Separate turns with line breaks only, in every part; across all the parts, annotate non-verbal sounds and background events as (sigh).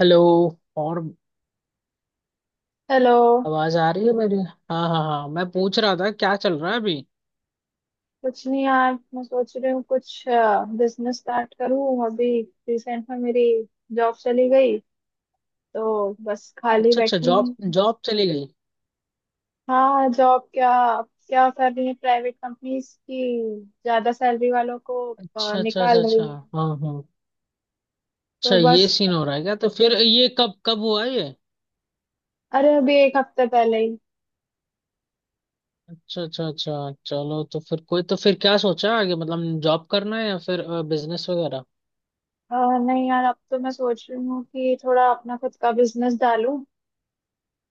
Hello. और
hello.
आवाज आ रही है मेरी। हाँ, हाँ, हाँ, मैं पूछ रहा था क्या चल रहा है अभी?
कुछ नहीं यार, मैं सोच रही हूँ कुछ बिजनेस स्टार्ट करूँ अभी। रिसेंट में मेरी जॉब चली गई तो बस खाली
अच्छा, अच्छा,
बैठी
जॉब
हूँ।
जॉब चली गई।
हाँ, जॉब क्या क्या कर रही है प्राइवेट कंपनीज की, ज्यादा सैलरी वालों को
अच्छा, अच्छा, अच्छा,
निकाल
अच्छा।
रही है।
हाँ, हाँ। अच्छा,
तो
ये
बस
सीन हो रहा है क्या? तो फिर ये कब कब हुआ ये?
अरे अभी एक हफ्ते पहले ही।
अच्छा, अच्छा, अच्छा, चलो, तो फिर क्या सोचा आगे, मतलब जॉब करना है या फिर बिजनेस वगैरह?
अ, नहीं यार, अब तो मैं सोच रही हूँ कि थोड़ा अपना खुद का बिजनेस डालूं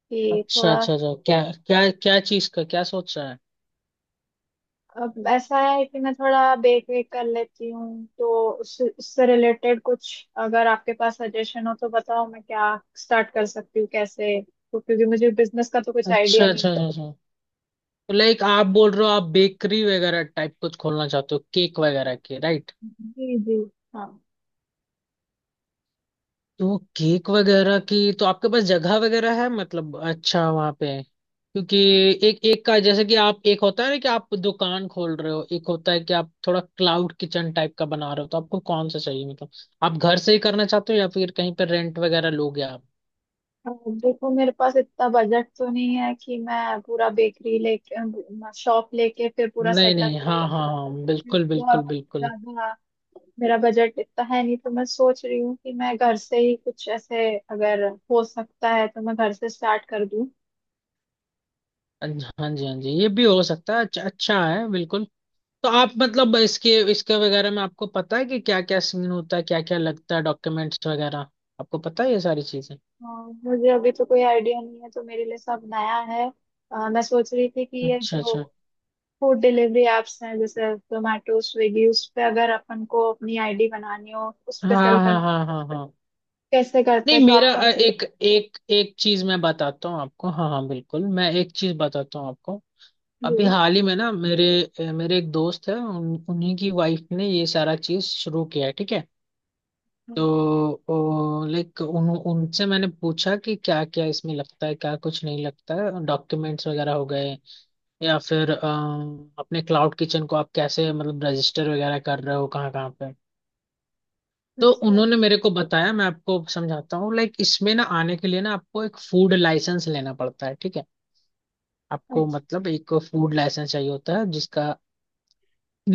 कि
अच्छा,
थोड़ा।
अच्छा, अच्छा, क्या क्या क्या चीज का क्या सोचा है?
अब ऐसा है कि मैं थोड़ा देख रेख कर लेती हूँ तो उससे उससे रिलेटेड कुछ अगर आपके पास सजेशन हो तो बताओ, मैं क्या स्टार्ट कर सकती हूँ कैसे, तो क्योंकि मुझे बिजनेस का तो कुछ
अच्छा,
आइडिया नहीं
अच्छा,
है।
अच्छा, अच्छा। तो लाइक आप बोल रहे हो, आप बेकरी वगैरह टाइप कुछ खोलना चाहते हो, केक वगैरह की, राइट?
जी जी, हाँ।
तो केक वगैरह की तो आपके पास जगह वगैरह है मतलब? अच्छा, वहाँ पे क्योंकि एक एक का, जैसे कि आप एक होता है ना कि आप दुकान खोल रहे हो, एक होता है कि आप थोड़ा क्लाउड किचन टाइप का बना रहे हो, तो आपको कौन सा चाहिए मतलब? आप घर से ही करना चाहते हो या फिर कहीं पर रेंट वगैरह लोगे आप?
अब देखो, मेरे पास इतना बजट तो नहीं है कि मैं पूरा बेकरी लेके शॉप लेके फिर पूरा
नहीं,
सेटअप
नहीं, हाँ, हाँ,
करूँ।
हाँ, बिल्कुल,
बहुत
बिल्कुल, बिल्कुल।
ज्यादा मेरा बजट इतना है नहीं, तो मैं सोच रही हूँ कि मैं घर से ही कुछ ऐसे अगर हो सकता है तो मैं घर से स्टार्ट कर दूँ।
हाँ जी, हाँ जी, ये भी हो सकता है। अच्छा, अच्छा है बिल्कुल। तो आप मतलब इसके इसके वगैरह में आपको पता है कि क्या क्या सीन होता है, क्या क्या लगता है, डॉक्यूमेंट्स वगैरह आपको पता है ये सारी चीजें?
हाँ, मुझे अभी तो कोई आइडिया नहीं है तो मेरे लिए सब नया है। मैं सोच रही थी कि ये
अच्छा,
जो
अच्छा।
फूड डिलीवरी एप्स हैं जैसे जोमेटो स्विगी, उस पे अगर अपन को अपनी आईडी बनानी हो, उस पे
हाँ,
सेल करनी
हाँ,
हो,
हाँ, हाँ, हाँ।
कैसे करते
नहीं,
हैं, तो आप
मेरा
थोड़ा।
एक एक एक चीज मैं बताता हूँ आपको, हाँ, हाँ, बिल्कुल, मैं एक चीज बताता हूँ आपको।
जी।
अभी हाल ही में ना मेरे एक दोस्त है, उन्हीं की वाइफ ने ये सारा चीज शुरू किया है, ठीक है। तो लाइक उन उनसे मैंने पूछा कि क्या क्या इसमें लगता है, क्या कुछ नहीं लगता है, डॉक्यूमेंट्स वगैरह हो गए या फिर अपने क्लाउड किचन को आप कैसे मतलब रजिस्टर वगैरह कर रहे हो, कहाँ कहाँ पे? तो
अच्छा
उन्होंने मेरे को बताया, मैं आपको समझाता हूँ। लाइक इसमें ना आने के लिए ना आपको एक फूड लाइसेंस लेना पड़ता है, ठीक है। आपको
अच्छा।
मतलब एक फूड लाइसेंस चाहिए होता है जिसका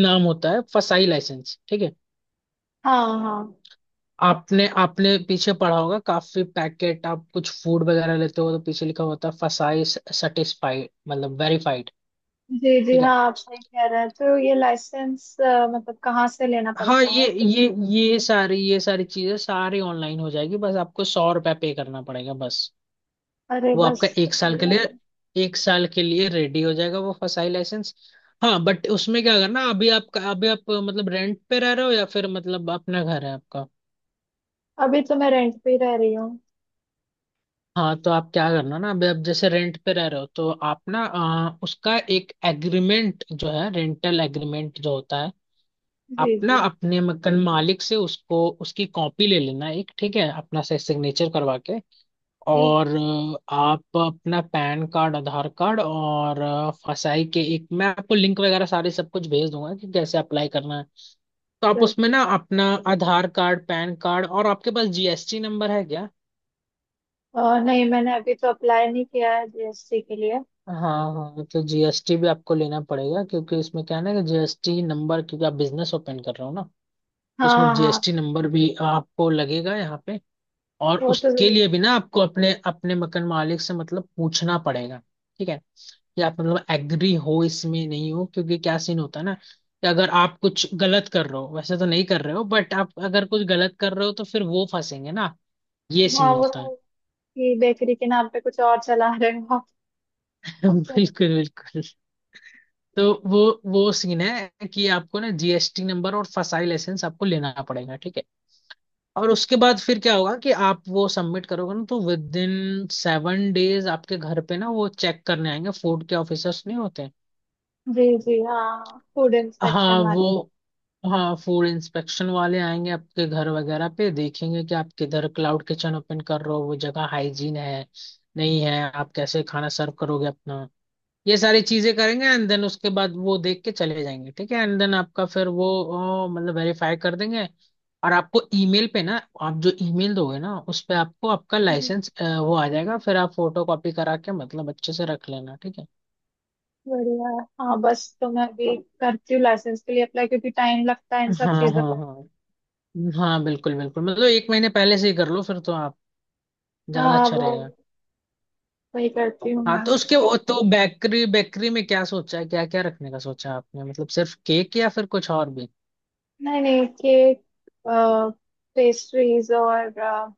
नाम होता है फसाई लाइसेंस, ठीक है।
हाँ हाँ।
आपने आपने पीछे पढ़ा होगा, काफी पैकेट आप कुछ फूड वगैरह लेते हो तो पीछे लिखा होता है फसाई सेटिस्फाइड मतलब वेरीफाइड।
जी जी,
ठीक है।
हाँ, आप सही कह रहे हैं, तो ये लाइसेंस मतलब कहाँ से लेना
हाँ,
पड़ता है?
ये सारी चीजें सारी ऑनलाइन हो जाएगी, बस आपको 100 रुपया पे करना पड़ेगा बस।
अरे
वो
बस
आपका
तो
एक साल के
बढ़िया
लिए
है।
एक साल के लिए रेडी हो जाएगा वो फसाई लाइसेंस। हाँ, बट उसमें क्या करना, अभी आप मतलब रेंट पे रह रहे हो या फिर मतलब अपना घर है आपका?
अभी तो मैं रेंट पे ही रह रही हूँ।
हाँ, तो आप क्या करना ना, अभी आप जैसे रेंट पे रह रहे हो तो आप ना उसका एक एग्रीमेंट जो है, रेंटल एग्रीमेंट जो होता है
जी
अपना,
जी
अपने मकान मालिक से उसको, उसकी कॉपी ले लेना एक, ठीक है, अपना से सिग्नेचर करवा के।
जी,
और आप अपना पैन कार्ड, आधार कार्ड और फसाई के, एक मैं आपको लिंक वगैरह सारे सब कुछ भेज दूंगा कि कैसे अप्लाई करना है। तो आप उसमें
बिल्कुल।
ना अपना आधार कार्ड, पैन कार्ड और आपके पास जीएसटी नंबर है क्या?
और नहीं, मैंने अभी तो अप्लाई नहीं किया है जीएसटी के लिए।
हाँ, हाँ। तो जीएसटी भी आपको लेना पड़ेगा क्योंकि इसमें क्या है ना कि जीएसटी नंबर, क्योंकि आप बिजनेस ओपन कर रहे हो ना, तो
हाँ
इसमें
हाँ हाँ,
जीएसटी नंबर भी आपको लगेगा यहाँ पे। और
वो तो
उसके
जरूर।
लिए भी ना आपको अपने अपने मकान मालिक से मतलब पूछना पड़ेगा, ठीक है, कि आप मतलब एग्री हो इसमें नहीं हो, क्योंकि क्या सीन होता है ना कि अगर आप कुछ गलत कर रहे हो, वैसे तो नहीं कर रहे हो बट आप अगर कुछ गलत कर रहे हो तो फिर वो फंसेंगे ना, ये
हाँ
सीन
वो
होता है।
तो कि बेकरी के नाम पे कुछ और चला रहे हो आप।
(laughs)
तो,
बिल्कुल, बिल्कुल। तो वो वो सीन है कि आपको ना जीएसटी नंबर और फसाई लाइसेंस आपको लेना पड़ेगा, ठीक है। और उसके
अच्छा।
बाद फिर क्या होगा कि आप वो सबमिट करोगे ना, तो विद इन 7 डेज आपके घर पे ना वो चेक करने आएंगे, फूड के ऑफिसर्स नहीं होते,
जी जी, हाँ, फूड
हाँ
इंस्पेक्शन वाली।
वो हाँ फूड इंस्पेक्शन वाले आएंगे आपके घर वगैरह पे, देखेंगे कि आप किधर क्लाउड किचन ओपन कर रहे हो, वो जगह हाइजीन है नहीं है, आप कैसे खाना सर्व करोगे अपना, ये सारी चीजें करेंगे। एंड देन उसके बाद वो देख के चले जाएंगे, ठीक है। एंड देन आपका फिर वो मतलब वेरीफाई कर देंगे और आपको ईमेल पे ना, आप जो ईमेल दोगे ना उस पे आपको आपका
जी,
लाइसेंस वो आ जाएगा, फिर आप फोटो कॉपी करा के मतलब अच्छे से रख लेना, ठीक है।
बढ़िया। हाँ, बस तो मैं अभी करती हूँ लाइसेंस के लिए अप्लाई क्योंकि टाइम लगता है इन सब
हाँ,
चीजों
हाँ,
में।
हाँ, हाँ, बिल्कुल, बिल्कुल, मतलब एक महीने पहले से ही कर लो फिर तो आप ज्यादा
हाँ
अच्छा
वो
रहेगा।
वही करती हूँ
हाँ,
मैं
तो
बस।
उसके वो तो बेकरी, बेकरी में क्या सोचा है, क्या क्या रखने का सोचा है आपने, मतलब सिर्फ केक या फिर कुछ और भी?
नहीं नहीं, केक पेस्ट्रीज और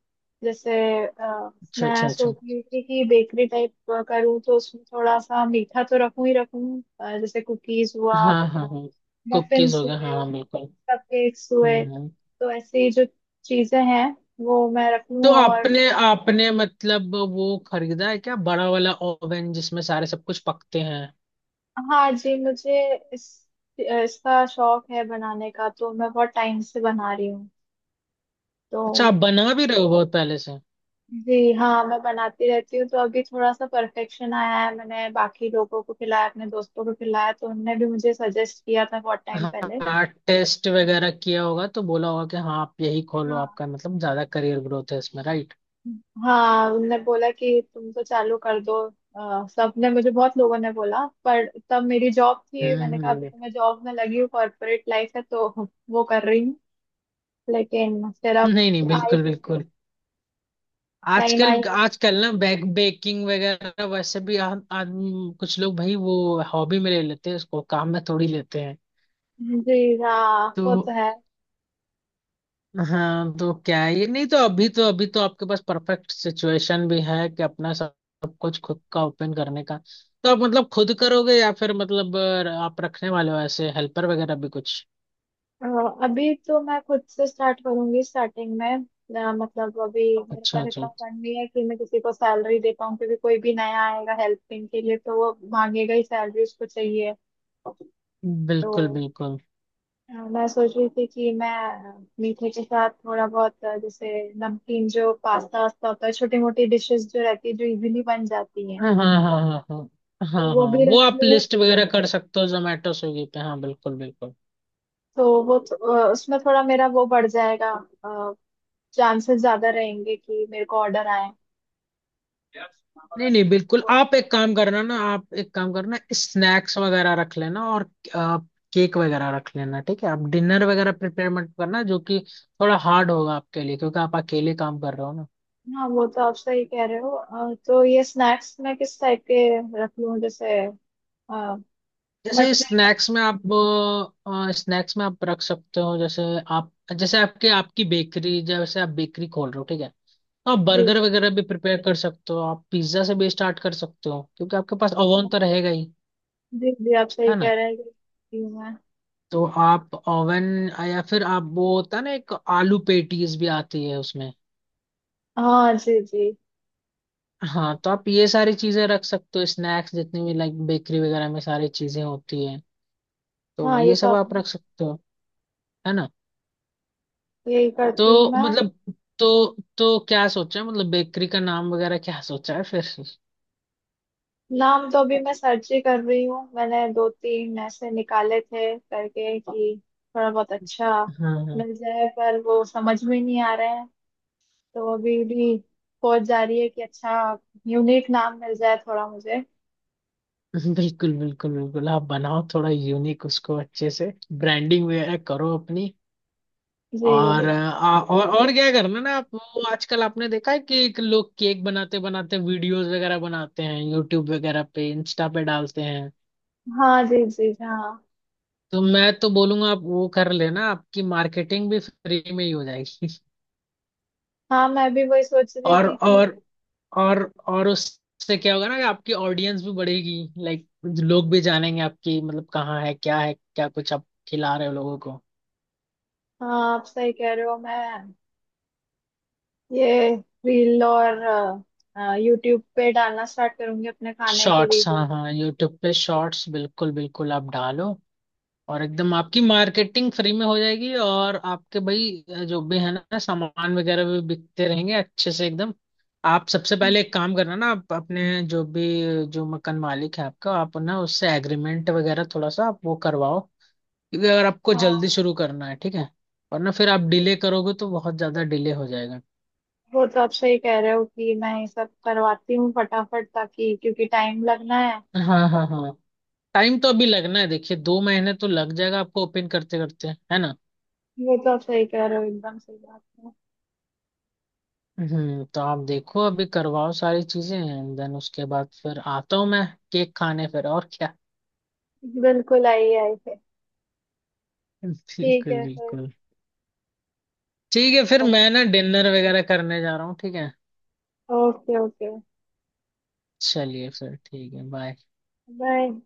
जैसे अ,
अच्छा,
मैं
अच्छा, अच्छा।
सोच रही थी कि बेकरी टाइप करूँ तो उसमें थोड़ा सा मीठा तो रखूं ही रखूं, जैसे कुकीज हुआ,
हाँ (laughs) हाँ, हाँ, कुकीज
मफिन्स
हो गया, हाँ,
हुए,
हाँ, बिल्कुल।
कपकेक्स हुए,
हम्म,
तो ऐसी जो चीजें हैं वो मैं रख
तो
लूं और।
आपने आपने मतलब वो खरीदा है क्या बड़ा वाला ओवन जिसमें सारे सब कुछ पकते हैं?
हाँ जी, मुझे इस इसका शौक है बनाने का, तो मैं बहुत टाइम से बना रही हूँ तो।
अच्छा, आप बना भी रहे हो बहुत पहले से।
जी हाँ, मैं बनाती रहती हूँ तो अभी थोड़ा सा परफेक्शन आया है, मैंने बाकी लोगों को खिलाया, अपने दोस्तों को खिलाया, तो उनने भी मुझे सजेस्ट किया था बहुत टाइम पहले।
हाँ, टेस्ट वगैरह किया होगा तो बोला होगा कि हाँ आप यही खोलो,
हाँ
आपका मतलब ज्यादा करियर ग्रोथ है इसमें, राइट?
हाँ उनने बोला कि तुम तो चालू कर दो। सबने मुझे बहुत लोगों ने बोला पर तब मेरी जॉब थी,
हम्म,
मैंने कहा अभी तो मैं जॉब में लगी हूँ, कॉर्पोरेट लाइफ है तो वो कर रही हूँ। लेकिन फिर अब
नहीं, नहीं,
आई
बिल्कुल, बिल्कुल।
टाइम
आजकल
आई।
आजकल ना बैक बेकिंग वगैरह वैसे भी आदमी, कुछ लोग भाई वो हॉबी में ले लेते हैं, उसको काम में थोड़ी लेते हैं।
जी हाँ,
तो
वो तो है।
हाँ, तो क्या ये, नहीं तो अभी तो आपके पास परफेक्ट सिचुएशन भी है कि अपना सब सब कुछ खुद का ओपन करने का। तो आप मतलब खुद करोगे या फिर मतलब आप रखने वाले हो ऐसे हेल्पर वगैरह भी कुछ?
अ, अभी तो मैं खुद से स्टार्ट करूंगी स्टार्टिंग में। मतलब अभी मेरे
अच्छा,
पास इतना
अच्छा,
फंड नहीं है कि मैं किसी को सैलरी दे पाऊँ, क्योंकि कोई भी नया आएगा हेल्पिंग के लिए तो वो मांगेगा ही सैलरी, उसको चाहिए,
बिल्कुल,
तो
बिल्कुल।
मैं सोच रही थी कि मैं मीठे के साथ थोड़ा बहुत जैसे नमकीन जो पास्ता वास्ता होता है, छोटी मोटी डिशेस जो रहती है जो इजीली बन जाती हैं,
हाँ, हाँ, हाँ, हाँ, हाँ,
तो
हाँ,
वो
हाँ,
भी
वो
रख
आप
लूँ,
लिस्ट वगैरह कर सकते हो जोमेटो स्विगी पे, हाँ, बिल्कुल, बिल्कुल।
तो वो उसमें थोड़ा मेरा वो बढ़ जाएगा, चांसेस ज्यादा रहेंगे कि मेरे को ऑर्डर आए
नहीं, नहीं, बिल्कुल,
तो।
आप एक काम करना ना, आप एक काम करना, स्नैक्स वगैरह रख लेना और केक वगैरह रख लेना, ठीक है। आप डिनर वगैरह प्रिपेयर मत करना जो कि थोड़ा हार्ड होगा आपके लिए क्योंकि आप अकेले काम कर रहे हो ना।
हाँ, वो तो आप सही कह रहे हो, तो ये स्नैक्स में किस टाइप के रख लूँ जैसे
जैसे
मठरी।
स्नैक्स में आप रख सकते हो, जैसे आप, जैसे आपके, आपकी बेकरी, जैसे आप बेकरी खोल रहे हो, ठीक है। तो आप
जी
बर्गर वगैरह भी प्रिपेयर कर सकते हो, आप पिज्जा से भी स्टार्ट कर सकते हो क्योंकि आपके पास ओवन तो रहेगा ही,
जी जी, आप सही
है ना?
कह रहे हैं कि मैं।
तो आप ओवन या फिर आप वो होता है ना एक आलू पेटीज भी आती है उसमें।
हाँ जी जी,
हाँ, तो आप ये सारी चीजें रख सकते हो, स्नैक्स जितनी भी लाइक बेकरी वगैरह में सारी चीजें होती है तो
हाँ ये
ये
तो
सब आप
आपने
रख सकते हो, है ना?
यही करती हूँ
तो
मैं।
मतलब, तो क्या सोचा है मतलब बेकरी का नाम वगैरह क्या सोचा है फिर?
नाम तो अभी मैं सर्च ही कर रही हूँ, मैंने दो तीन ऐसे निकाले थे करके कि थोड़ा बहुत अच्छा
हाँ, हाँ,
मिल जाए, पर वो समझ में नहीं आ रहे हैं तो अभी भी सोच जा रही है कि अच्छा यूनिक नाम मिल जाए थोड़ा मुझे।
(laughs) बिल्कुल, बिल्कुल, बिल्कुल, आप बनाओ थोड़ा यूनिक, उसको अच्छे से ब्रांडिंग वगैरह करो अपनी।
जी
और
जी।
और क्या करना ना, आप वो आजकल आपने देखा है कि एक लोग केक बनाते बनाते वीडियोस वगैरह बनाते हैं यूट्यूब वगैरह पे, इंस्टा पे डालते हैं,
हाँ जी जी। हाँ
तो मैं तो बोलूंगा आप वो कर लेना, आपकी मार्केटिंग भी फ्री में ही हो जाएगी। (laughs)
हाँ, मैं भी वही सोच रही
और
थी कि।
और और और उससे क्या होगा ना कि आपकी ऑडियंस भी बढ़ेगी, लाइक लोग भी जानेंगे आपकी, मतलब कहाँ है, क्या है, क्या कुछ आप खिला रहे हो लोगों को।
हाँ आप सही कह रहे हो, मैं ये रील और यूट्यूब पे डालना स्टार्ट करूंगी अपने खाने के
शॉर्ट्स,
वीडियो।
हाँ, हाँ, यूट्यूब पे शॉर्ट्स, बिल्कुल, बिल्कुल, आप डालो और एकदम आपकी मार्केटिंग फ्री में हो जाएगी, और आपके भाई जो भी है ना सामान वगैरह भी बिकते रहेंगे अच्छे से एकदम। आप सबसे पहले एक काम करना ना, आप अपने जो भी जो मकान मालिक है आपका, आप ना उससे एग्रीमेंट वगैरह थोड़ा सा आप वो करवाओ, क्योंकि अगर आपको जल्दी
हाँ
शुरू करना है ठीक है, वरना फिर आप
वो
डिले करोगे तो बहुत ज्यादा डिले हो जाएगा।
वो तो आप सही कह रहे हो कि मैं ये सब करवाती हूँ फटाफट ताकि क्योंकि टाइम लगना है।
हाँ, हाँ, हाँ, टाइम तो अभी लगना है, देखिए 2 महीने तो लग जाएगा आपको ओपन करते करते, है ना?
वो तो आप सही कह रहे हो, एकदम सही बात है।
हम्म, तो आप देखो अभी करवाओ सारी चीजें एंड देन उसके बाद फिर आता हूँ मैं केक खाने फिर और क्या। (laughs)
बिल्कुल आई आई है। ठीक
बिल्कुल,
है फिर।
बिल्कुल। ठीक है फिर, मैं ना डिनर वगैरह करने जा रहा हूँ, ठीक है।
Okay okay.
चलिए फिर ठीक है, बाय।
बाय।